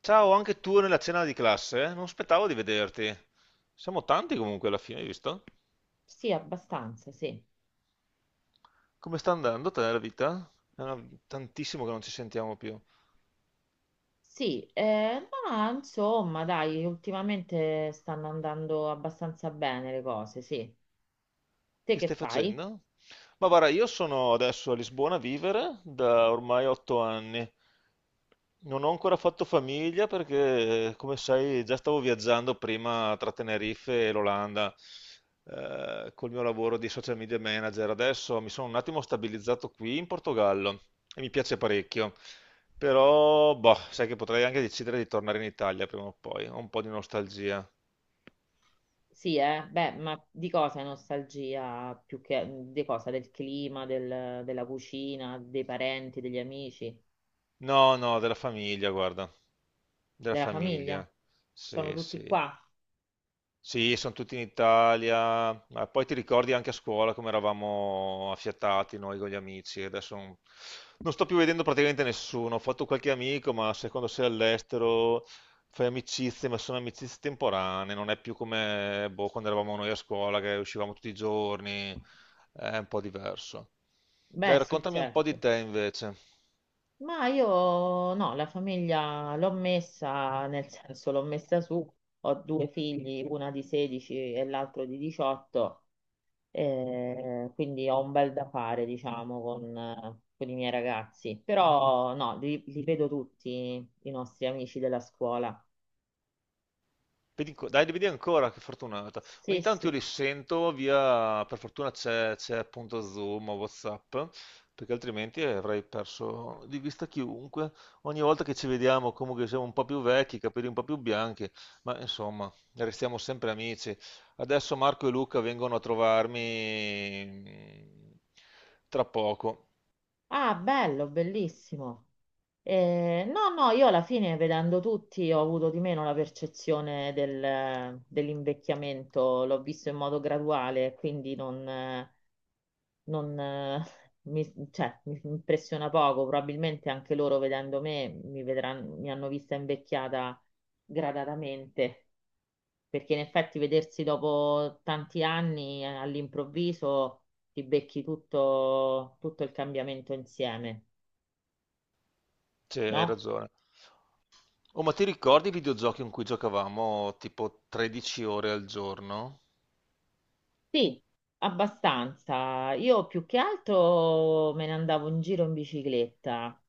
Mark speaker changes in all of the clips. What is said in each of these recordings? Speaker 1: Ciao, anche tu nella cena di classe? Non aspettavo di vederti. Siamo tanti comunque alla fine, hai visto?
Speaker 2: Sì, abbastanza, sì.
Speaker 1: Come sta andando te la vita? È tantissimo che non ci sentiamo più.
Speaker 2: Sì, ma insomma, dai, ultimamente stanno andando abbastanza bene le cose, sì. Te
Speaker 1: Che
Speaker 2: che
Speaker 1: stai
Speaker 2: fai?
Speaker 1: facendo? Ma guarda, io sono adesso a Lisbona a vivere da ormai otto anni. Non ho ancora fatto famiglia perché, come sai, già stavo viaggiando prima tra Tenerife e l'Olanda col mio lavoro di social media manager. Adesso mi sono un attimo stabilizzato qui in Portogallo e mi piace parecchio. Però, boh, sai che potrei anche decidere di tornare in Italia prima o poi. Ho un po' di nostalgia.
Speaker 2: Sì, beh, ma di cosa è nostalgia più che di cosa? Del clima, della cucina, dei parenti, degli amici,
Speaker 1: No, no, della famiglia, guarda. Della
Speaker 2: della famiglia?
Speaker 1: famiglia.
Speaker 2: Sono
Speaker 1: Sì,
Speaker 2: tutti
Speaker 1: sì.
Speaker 2: qua?
Speaker 1: Sì, sono tutti in Italia, ma poi ti ricordi anche a scuola come eravamo affiatati noi con gli amici, adesso non sto più vedendo praticamente nessuno, ho fatto qualche amico, ma se quando sei all'estero fai amicizie, ma sono amicizie temporanee, non è più come boh, quando eravamo noi a scuola che uscivamo tutti i giorni, è un po' diverso. Dai,
Speaker 2: Beh, sì,
Speaker 1: raccontami un po' di
Speaker 2: certo.
Speaker 1: te invece.
Speaker 2: Ma io no, la famiglia l'ho messa, nel senso l'ho messa su, ho due figli, una di 16 e l'altro di 18, quindi ho un bel da fare, diciamo, con i miei ragazzi. Però no, li vedo tutti i nostri amici della scuola.
Speaker 1: Dai, vedi ancora, che fortunata.
Speaker 2: Sì,
Speaker 1: Ogni tanto io
Speaker 2: sì.
Speaker 1: li sento via, per fortuna c'è appunto Zoom o WhatsApp, perché altrimenti avrei perso di vista chiunque. Ogni volta che ci vediamo, comunque siamo un po' più vecchi, i capelli un po' più bianchi, ma insomma, restiamo sempre amici. Adesso Marco e Luca vengono a trovarmi tra poco,
Speaker 2: Ah, bello, bellissimo. No, no, io alla fine vedendo tutti ho avuto di meno la percezione dell'invecchiamento, l'ho visto in modo graduale, quindi non, cioè, mi impressiona poco, probabilmente anche loro vedendo me mi vedranno, mi hanno vista invecchiata gradatamente, perché in effetti vedersi dopo tanti anni all'improvviso ti becchi tutto tutto il cambiamento insieme,
Speaker 1: cioè, hai
Speaker 2: no?
Speaker 1: ragione. Oh, ma ti ricordi i videogiochi in cui giocavamo tipo 13 ore al giorno?
Speaker 2: Sì, abbastanza. Io più che altro me ne andavo in giro in bicicletta.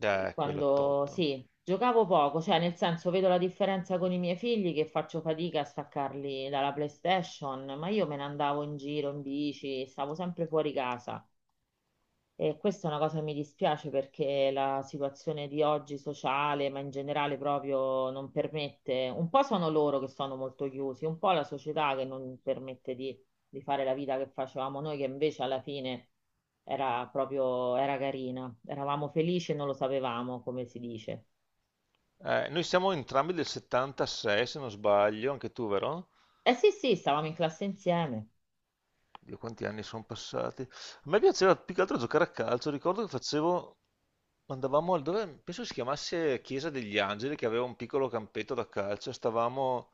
Speaker 1: Quello
Speaker 2: Quando
Speaker 1: top.
Speaker 2: sì, giocavo poco, cioè nel senso vedo la differenza con i miei figli che faccio fatica a staccarli dalla PlayStation, ma io me ne andavo in giro in bici, stavo sempre fuori casa. E questa è una cosa che mi dispiace perché la situazione di oggi sociale, ma in generale proprio non permette, un po' sono loro che sono molto chiusi, un po' la società che non permette di fare la vita che facevamo noi, che invece alla fine era proprio, era carina, eravamo felici e non lo sapevamo, come si dice.
Speaker 1: Noi siamo entrambi del '76, se non sbaglio, anche tu, vero?
Speaker 2: Eh sì, sì, stavamo in classe insieme.
Speaker 1: Dio, quanti anni sono passati. A me piaceva più che altro giocare a calcio. Ricordo che facevo, andavamo al dove, penso si chiamasse Chiesa degli Angeli, che aveva un piccolo campetto da calcio. Stavamo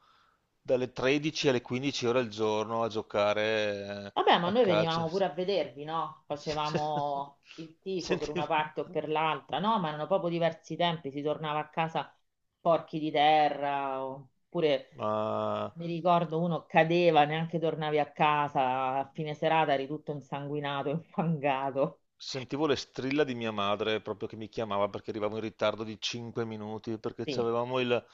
Speaker 1: dalle 13 alle 15 ore al giorno a giocare
Speaker 2: Vabbè, ma
Speaker 1: a
Speaker 2: noi
Speaker 1: calcio.
Speaker 2: venivamo pure a vedervi, no? Facevamo il tifo per una
Speaker 1: Sentivo,
Speaker 2: parte o per l'altra, no? Ma erano proprio diversi tempi, si tornava a casa porchi di terra, oppure
Speaker 1: ma
Speaker 2: mi ricordo uno cadeva, neanche tornavi a casa, a fine serata eri tutto insanguinato, infangato.
Speaker 1: Sentivo le strilla di mia madre proprio che mi chiamava perché arrivavo in ritardo di 5 minuti perché
Speaker 2: Sì.
Speaker 1: avevamo il,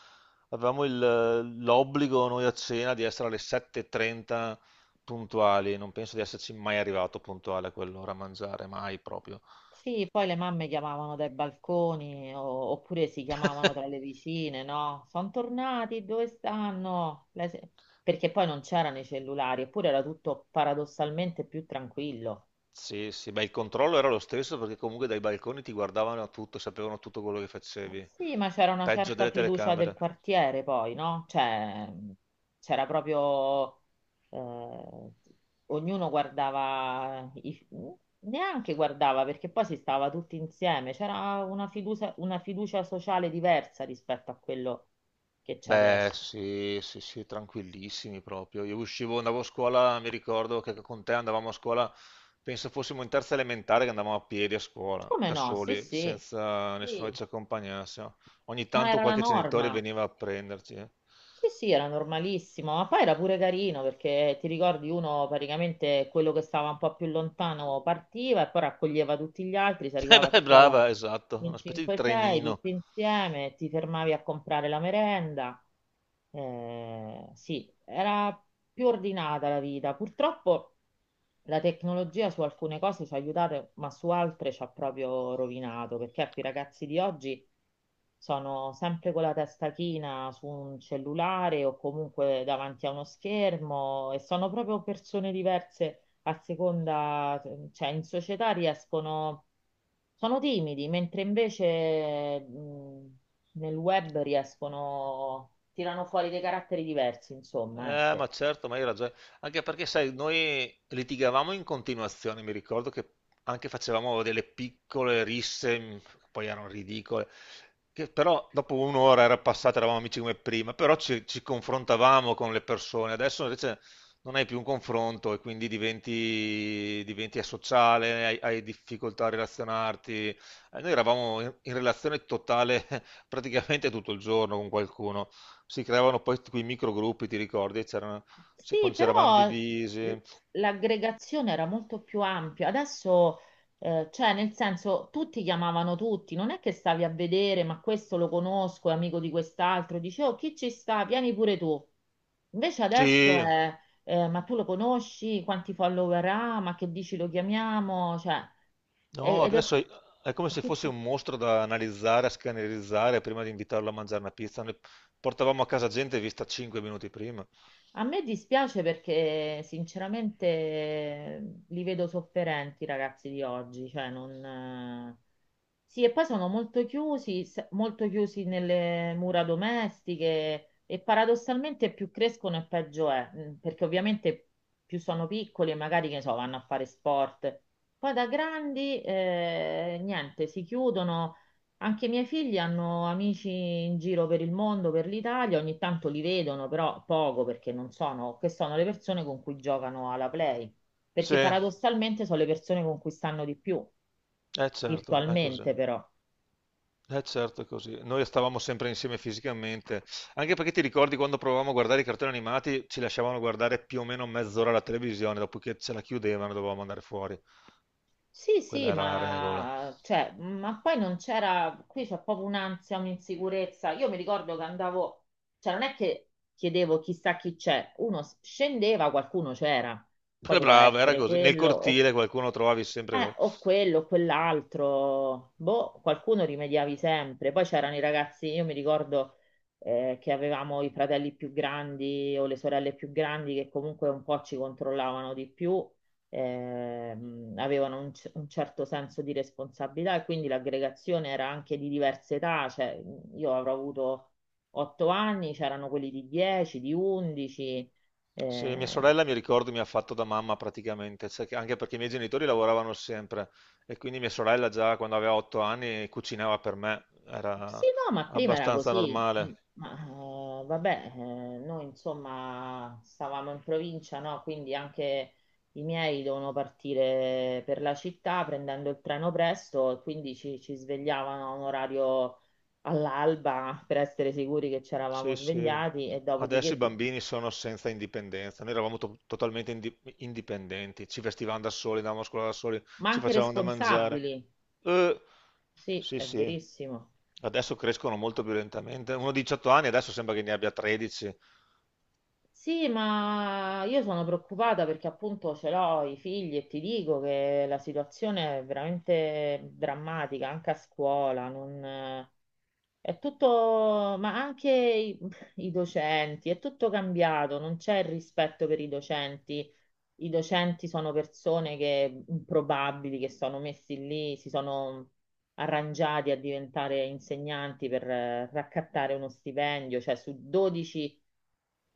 Speaker 1: avevamo il- l'obbligo noi a cena di essere alle 7:30 puntuali. Non penso di esserci mai arrivato puntuale a quell'ora a mangiare, mai proprio.
Speaker 2: Sì, poi le mamme chiamavano dai balconi oppure si chiamavano tra le vicine, no? Sono tornati, dove stanno? Le se- Perché poi non c'erano i cellulari, eppure era tutto paradossalmente più tranquillo.
Speaker 1: Sì, sì, beh, il controllo era lo stesso perché comunque dai balconi ti guardavano tutto, sapevano tutto quello che facevi.
Speaker 2: Sì, ma c'era una
Speaker 1: Peggio
Speaker 2: certa
Speaker 1: delle
Speaker 2: fiducia del
Speaker 1: telecamere.
Speaker 2: quartiere poi, no? Cioè, c'era proprio, eh, ognuno guardava, neanche guardava perché poi si stava tutti insieme. C'era una fiducia sociale diversa rispetto a quello che c'è
Speaker 1: Beh,
Speaker 2: adesso.
Speaker 1: sì, sì, sì, tranquillissimi proprio. Io uscivo, andavo a scuola, mi ricordo che con te andavamo a scuola, penso fossimo in terza elementare che andavamo a piedi a scuola,
Speaker 2: Come
Speaker 1: da
Speaker 2: no? Sì,
Speaker 1: soli,
Speaker 2: sì,
Speaker 1: senza nessuno
Speaker 2: sì,
Speaker 1: che ci accompagnasse, no? Ogni
Speaker 2: ma
Speaker 1: tanto
Speaker 2: era la
Speaker 1: qualche genitore
Speaker 2: norma.
Speaker 1: veniva a prenderci. Eh.
Speaker 2: Sì, sì, era normalissimo, ma poi era pure carino perché ti ricordi uno praticamente quello che stava un po' più lontano partiva e poi raccoglieva tutti gli altri, si arrivava a
Speaker 1: Beh,
Speaker 2: scuola
Speaker 1: brava, esatto,
Speaker 2: in
Speaker 1: una specie di
Speaker 2: 5-6
Speaker 1: trenino.
Speaker 2: tutti insieme, ti fermavi a comprare la merenda. Sì, era più ordinata la vita. Purtroppo la tecnologia su alcune cose ci ha aiutato, ma su altre ci ha proprio rovinato, perché ecco, i ragazzi di oggi sono sempre con la testa china su un cellulare o comunque davanti a uno schermo e sono proprio persone diverse a seconda, cioè in società riescono, sono timidi, mentre invece nel web riescono, tirano fuori dei caratteri diversi, insomma, ecco.
Speaker 1: Ma certo, ma hai ragione. Anche perché, sai, noi litigavamo in continuazione, mi ricordo che anche facevamo delle piccole risse, poi erano ridicole, che però dopo un'ora era passata, eravamo amici come prima, però ci confrontavamo con le persone. Adesso invece non hai più un confronto e quindi diventi asociale, hai difficoltà a relazionarti. Noi eravamo in relazione totale praticamente tutto il giorno con qualcuno. Si creavano poi quei microgruppi, ti ricordi? C'erano,
Speaker 2: Sì,
Speaker 1: quando c'eravamo
Speaker 2: però
Speaker 1: divisi.
Speaker 2: l'aggregazione era molto più ampia. Adesso, cioè, nel senso, tutti chiamavano tutti, non è che stavi a vedere, ma questo lo conosco, è amico di quest'altro, dicevo, chi ci sta? Vieni pure tu. Invece adesso
Speaker 1: Sì,
Speaker 2: è, ma tu lo conosci? Quanti follower ha? Ma che dici lo chiamiamo? Cioè, e-
Speaker 1: no,
Speaker 2: ed è...
Speaker 1: adesso è come se fosse un mostro da analizzare, a scannerizzare prima di invitarlo a mangiare una pizza. Noi portavamo a casa gente vista 5 minuti prima.
Speaker 2: A me dispiace perché sinceramente li vedo sofferenti i ragazzi di oggi, cioè non. Sì, e poi sono molto chiusi, molto chiusi nelle mura domestiche e paradossalmente più crescono e peggio è, perché ovviamente più sono piccoli e magari, che ne so, vanno a fare sport. Poi da grandi, niente, si chiudono anche i miei figli hanno amici in giro per il mondo, per l'Italia, ogni tanto li vedono, però poco perché non sono, che sono le persone con cui giocano alla Play,
Speaker 1: Sì,
Speaker 2: perché
Speaker 1: è
Speaker 2: paradossalmente sono le persone con cui stanno di più,
Speaker 1: certo, è così.
Speaker 2: virtualmente però.
Speaker 1: Eh certo, così. Noi stavamo sempre insieme fisicamente, anche perché ti ricordi quando provavamo a guardare i cartoni animati, ci lasciavano guardare più o meno mezz'ora la televisione, dopodiché ce la chiudevano, dovevamo andare fuori.
Speaker 2: Sì,
Speaker 1: Quella
Speaker 2: sì,
Speaker 1: era la regola.
Speaker 2: ma, cioè, ma poi non c'era, qui c'è proprio un'ansia, un'insicurezza. Io mi ricordo che andavo, cioè non è che chiedevo chissà chi c'è, uno scendeva, qualcuno c'era, poi poteva
Speaker 1: Brava, era
Speaker 2: essere
Speaker 1: così. Nel
Speaker 2: quello, o
Speaker 1: cortile qualcuno trovavi sempre.
Speaker 2: Eh, o quello, o quell'altro, boh, qualcuno rimediavi sempre. Poi c'erano i ragazzi, io mi ricordo che avevamo i fratelli più grandi o le sorelle più grandi che comunque un po' ci controllavano di più, avevano un certo senso di responsabilità e quindi l'aggregazione era anche di diverse età, cioè io avrò avuto 8 anni, c'erano quelli di 10, di 11.
Speaker 1: Sì, mia sorella mi ricordo mi ha fatto da mamma praticamente, anche perché i miei genitori lavoravano sempre e quindi mia sorella già quando aveva otto anni cucinava per me,
Speaker 2: Sì,
Speaker 1: era
Speaker 2: no, ma prima era
Speaker 1: abbastanza
Speaker 2: così.
Speaker 1: normale.
Speaker 2: Ma vabbè, noi insomma stavamo in provincia, no? Quindi anche i miei dovevano partire per la città prendendo il treno presto e quindi ci svegliavano a un orario all'alba per essere sicuri che ci eravamo
Speaker 1: Sì, sì.
Speaker 2: svegliati e
Speaker 1: Adesso
Speaker 2: dopodiché,
Speaker 1: i
Speaker 2: sì.
Speaker 1: bambini sono senza indipendenza. Noi eravamo totalmente indipendenti, ci vestivamo da soli, andavamo a scuola da soli,
Speaker 2: Ma
Speaker 1: ci
Speaker 2: anche
Speaker 1: facevamo da mangiare.
Speaker 2: responsabili.
Speaker 1: Eh,
Speaker 2: Sì,
Speaker 1: sì,
Speaker 2: è
Speaker 1: sì.
Speaker 2: verissimo.
Speaker 1: Adesso crescono molto più lentamente. Uno di 18 anni adesso sembra che ne abbia 13.
Speaker 2: Sì, ma io sono preoccupata perché appunto ce l'ho i figli e ti dico che la situazione è veramente drammatica, anche a scuola, non, è tutto, ma anche i, i docenti, è tutto cambiato, non c'è il rispetto per i docenti. I docenti sono persone che improbabili, che sono messi lì, si sono arrangiati a diventare insegnanti per raccattare uno stipendio, cioè su 12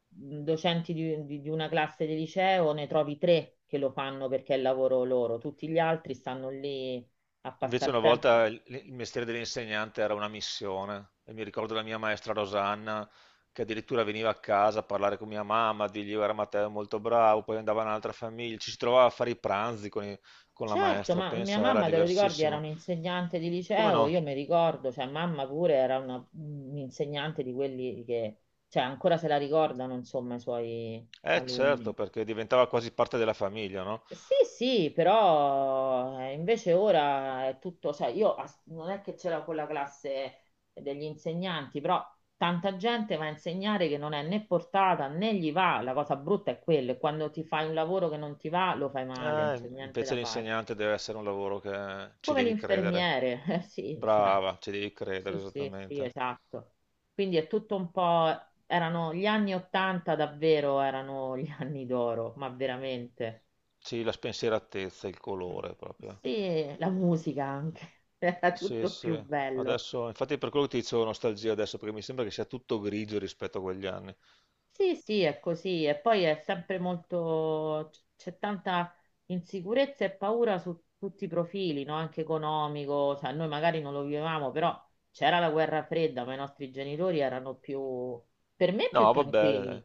Speaker 2: docenti di, di una classe di liceo, ne trovi tre che lo fanno perché è il lavoro loro, tutti gli altri stanno lì a
Speaker 1: Invece
Speaker 2: passare
Speaker 1: una
Speaker 2: tempo.
Speaker 1: volta il mestiere dell'insegnante era una missione e mi ricordo la mia maestra Rosanna che addirittura veniva a casa a parlare con mia mamma, a dirgli era Matteo molto bravo, poi andava in un'altra famiglia, ci si trovava a fare i pranzi con la
Speaker 2: Certo,
Speaker 1: maestra,
Speaker 2: ma mia
Speaker 1: pensa, era
Speaker 2: mamma, te lo ricordi, era
Speaker 1: diversissimo.
Speaker 2: un'insegnante di
Speaker 1: Come
Speaker 2: liceo, io
Speaker 1: no?
Speaker 2: mi ricordo, cioè mamma pure era un'insegnante di quelli che, cioè ancora se la ricordano, insomma, i suoi
Speaker 1: Eh
Speaker 2: alunni.
Speaker 1: certo, perché diventava quasi parte della famiglia, no?
Speaker 2: Sì, sì, però invece ora è tutto, cioè io non è che c'era quella classe degli insegnanti, però tanta gente va a insegnare che non è né portata né gli va, la cosa brutta è quella, e quando ti fai un lavoro che non ti va lo fai male, non
Speaker 1: Eh,
Speaker 2: c'è niente
Speaker 1: invece
Speaker 2: da fare.
Speaker 1: l'insegnante deve essere un lavoro che ci
Speaker 2: Come
Speaker 1: devi credere.
Speaker 2: l'infermiere, sì, cioè,
Speaker 1: Brava, ci devi credere
Speaker 2: sì, sì, sì,
Speaker 1: esattamente.
Speaker 2: esatto. Quindi è tutto un po', erano gli anni Ottanta davvero, erano gli anni d'oro, ma veramente.
Speaker 1: Sì, la spensieratezza, il colore proprio.
Speaker 2: Sì, la musica anche, era
Speaker 1: Sì,
Speaker 2: tutto
Speaker 1: sì.
Speaker 2: più bello.
Speaker 1: Adesso, infatti per quello che ti dicevo nostalgia adesso, perché mi sembra che sia tutto grigio rispetto a quegli anni.
Speaker 2: Sì, sì, è così. E poi è sempre molto, c'è tanta insicurezza e paura su tutti i profili, no? Anche economico. Cioè, noi magari non lo vivevamo, però c'era la guerra fredda, ma i nostri genitori erano più, per me, più
Speaker 1: No, vabbè,
Speaker 2: tranquilli.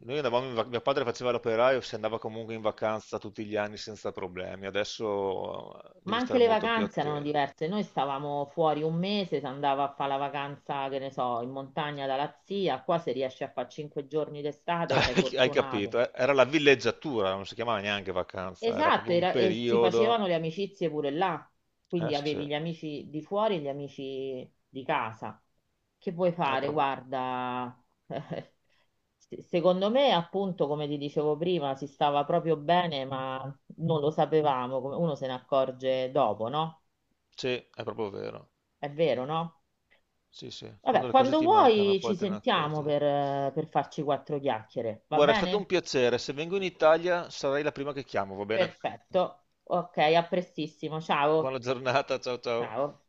Speaker 1: noi andavamo in vacanza, mio padre faceva l'operaio, si andava comunque in vacanza tutti gli anni senza problemi, adesso
Speaker 2: Ma
Speaker 1: devi
Speaker 2: anche
Speaker 1: stare
Speaker 2: le
Speaker 1: molto più
Speaker 2: vacanze erano
Speaker 1: attento.
Speaker 2: diverse. Noi stavamo fuori un mese, si andava a fare la vacanza, che ne so, in montagna dalla zia. Qua se riesci a fare 5 giorni d'estate sei
Speaker 1: Hai
Speaker 2: fortunato.
Speaker 1: capito, eh? Era la villeggiatura, non si chiamava neanche vacanza, era
Speaker 2: Esatto,
Speaker 1: proprio un
Speaker 2: era, e si facevano
Speaker 1: periodo.
Speaker 2: le amicizie pure là.
Speaker 1: Eh
Speaker 2: Quindi
Speaker 1: sì,
Speaker 2: avevi gli amici di fuori e gli amici di casa. Che vuoi fare?
Speaker 1: proprio,
Speaker 2: Guarda, secondo me, appunto, come ti dicevo prima, si stava proprio bene, ma non lo sapevamo. Uno se ne accorge dopo, no?
Speaker 1: sì, è proprio vero.
Speaker 2: È vero, no?
Speaker 1: Sì, sì,
Speaker 2: Vabbè,
Speaker 1: quando le cose
Speaker 2: quando
Speaker 1: ti mancano
Speaker 2: vuoi
Speaker 1: poi
Speaker 2: ci
Speaker 1: te ne
Speaker 2: sentiamo
Speaker 1: accorgi.
Speaker 2: per farci quattro chiacchiere, va
Speaker 1: Guarda, è stato un
Speaker 2: bene?
Speaker 1: piacere. Se vengo in Italia sarai la prima che chiamo, va bene?
Speaker 2: Perfetto. Ok, a prestissimo. Ciao.
Speaker 1: Buona giornata, ciao ciao.
Speaker 2: Ciao.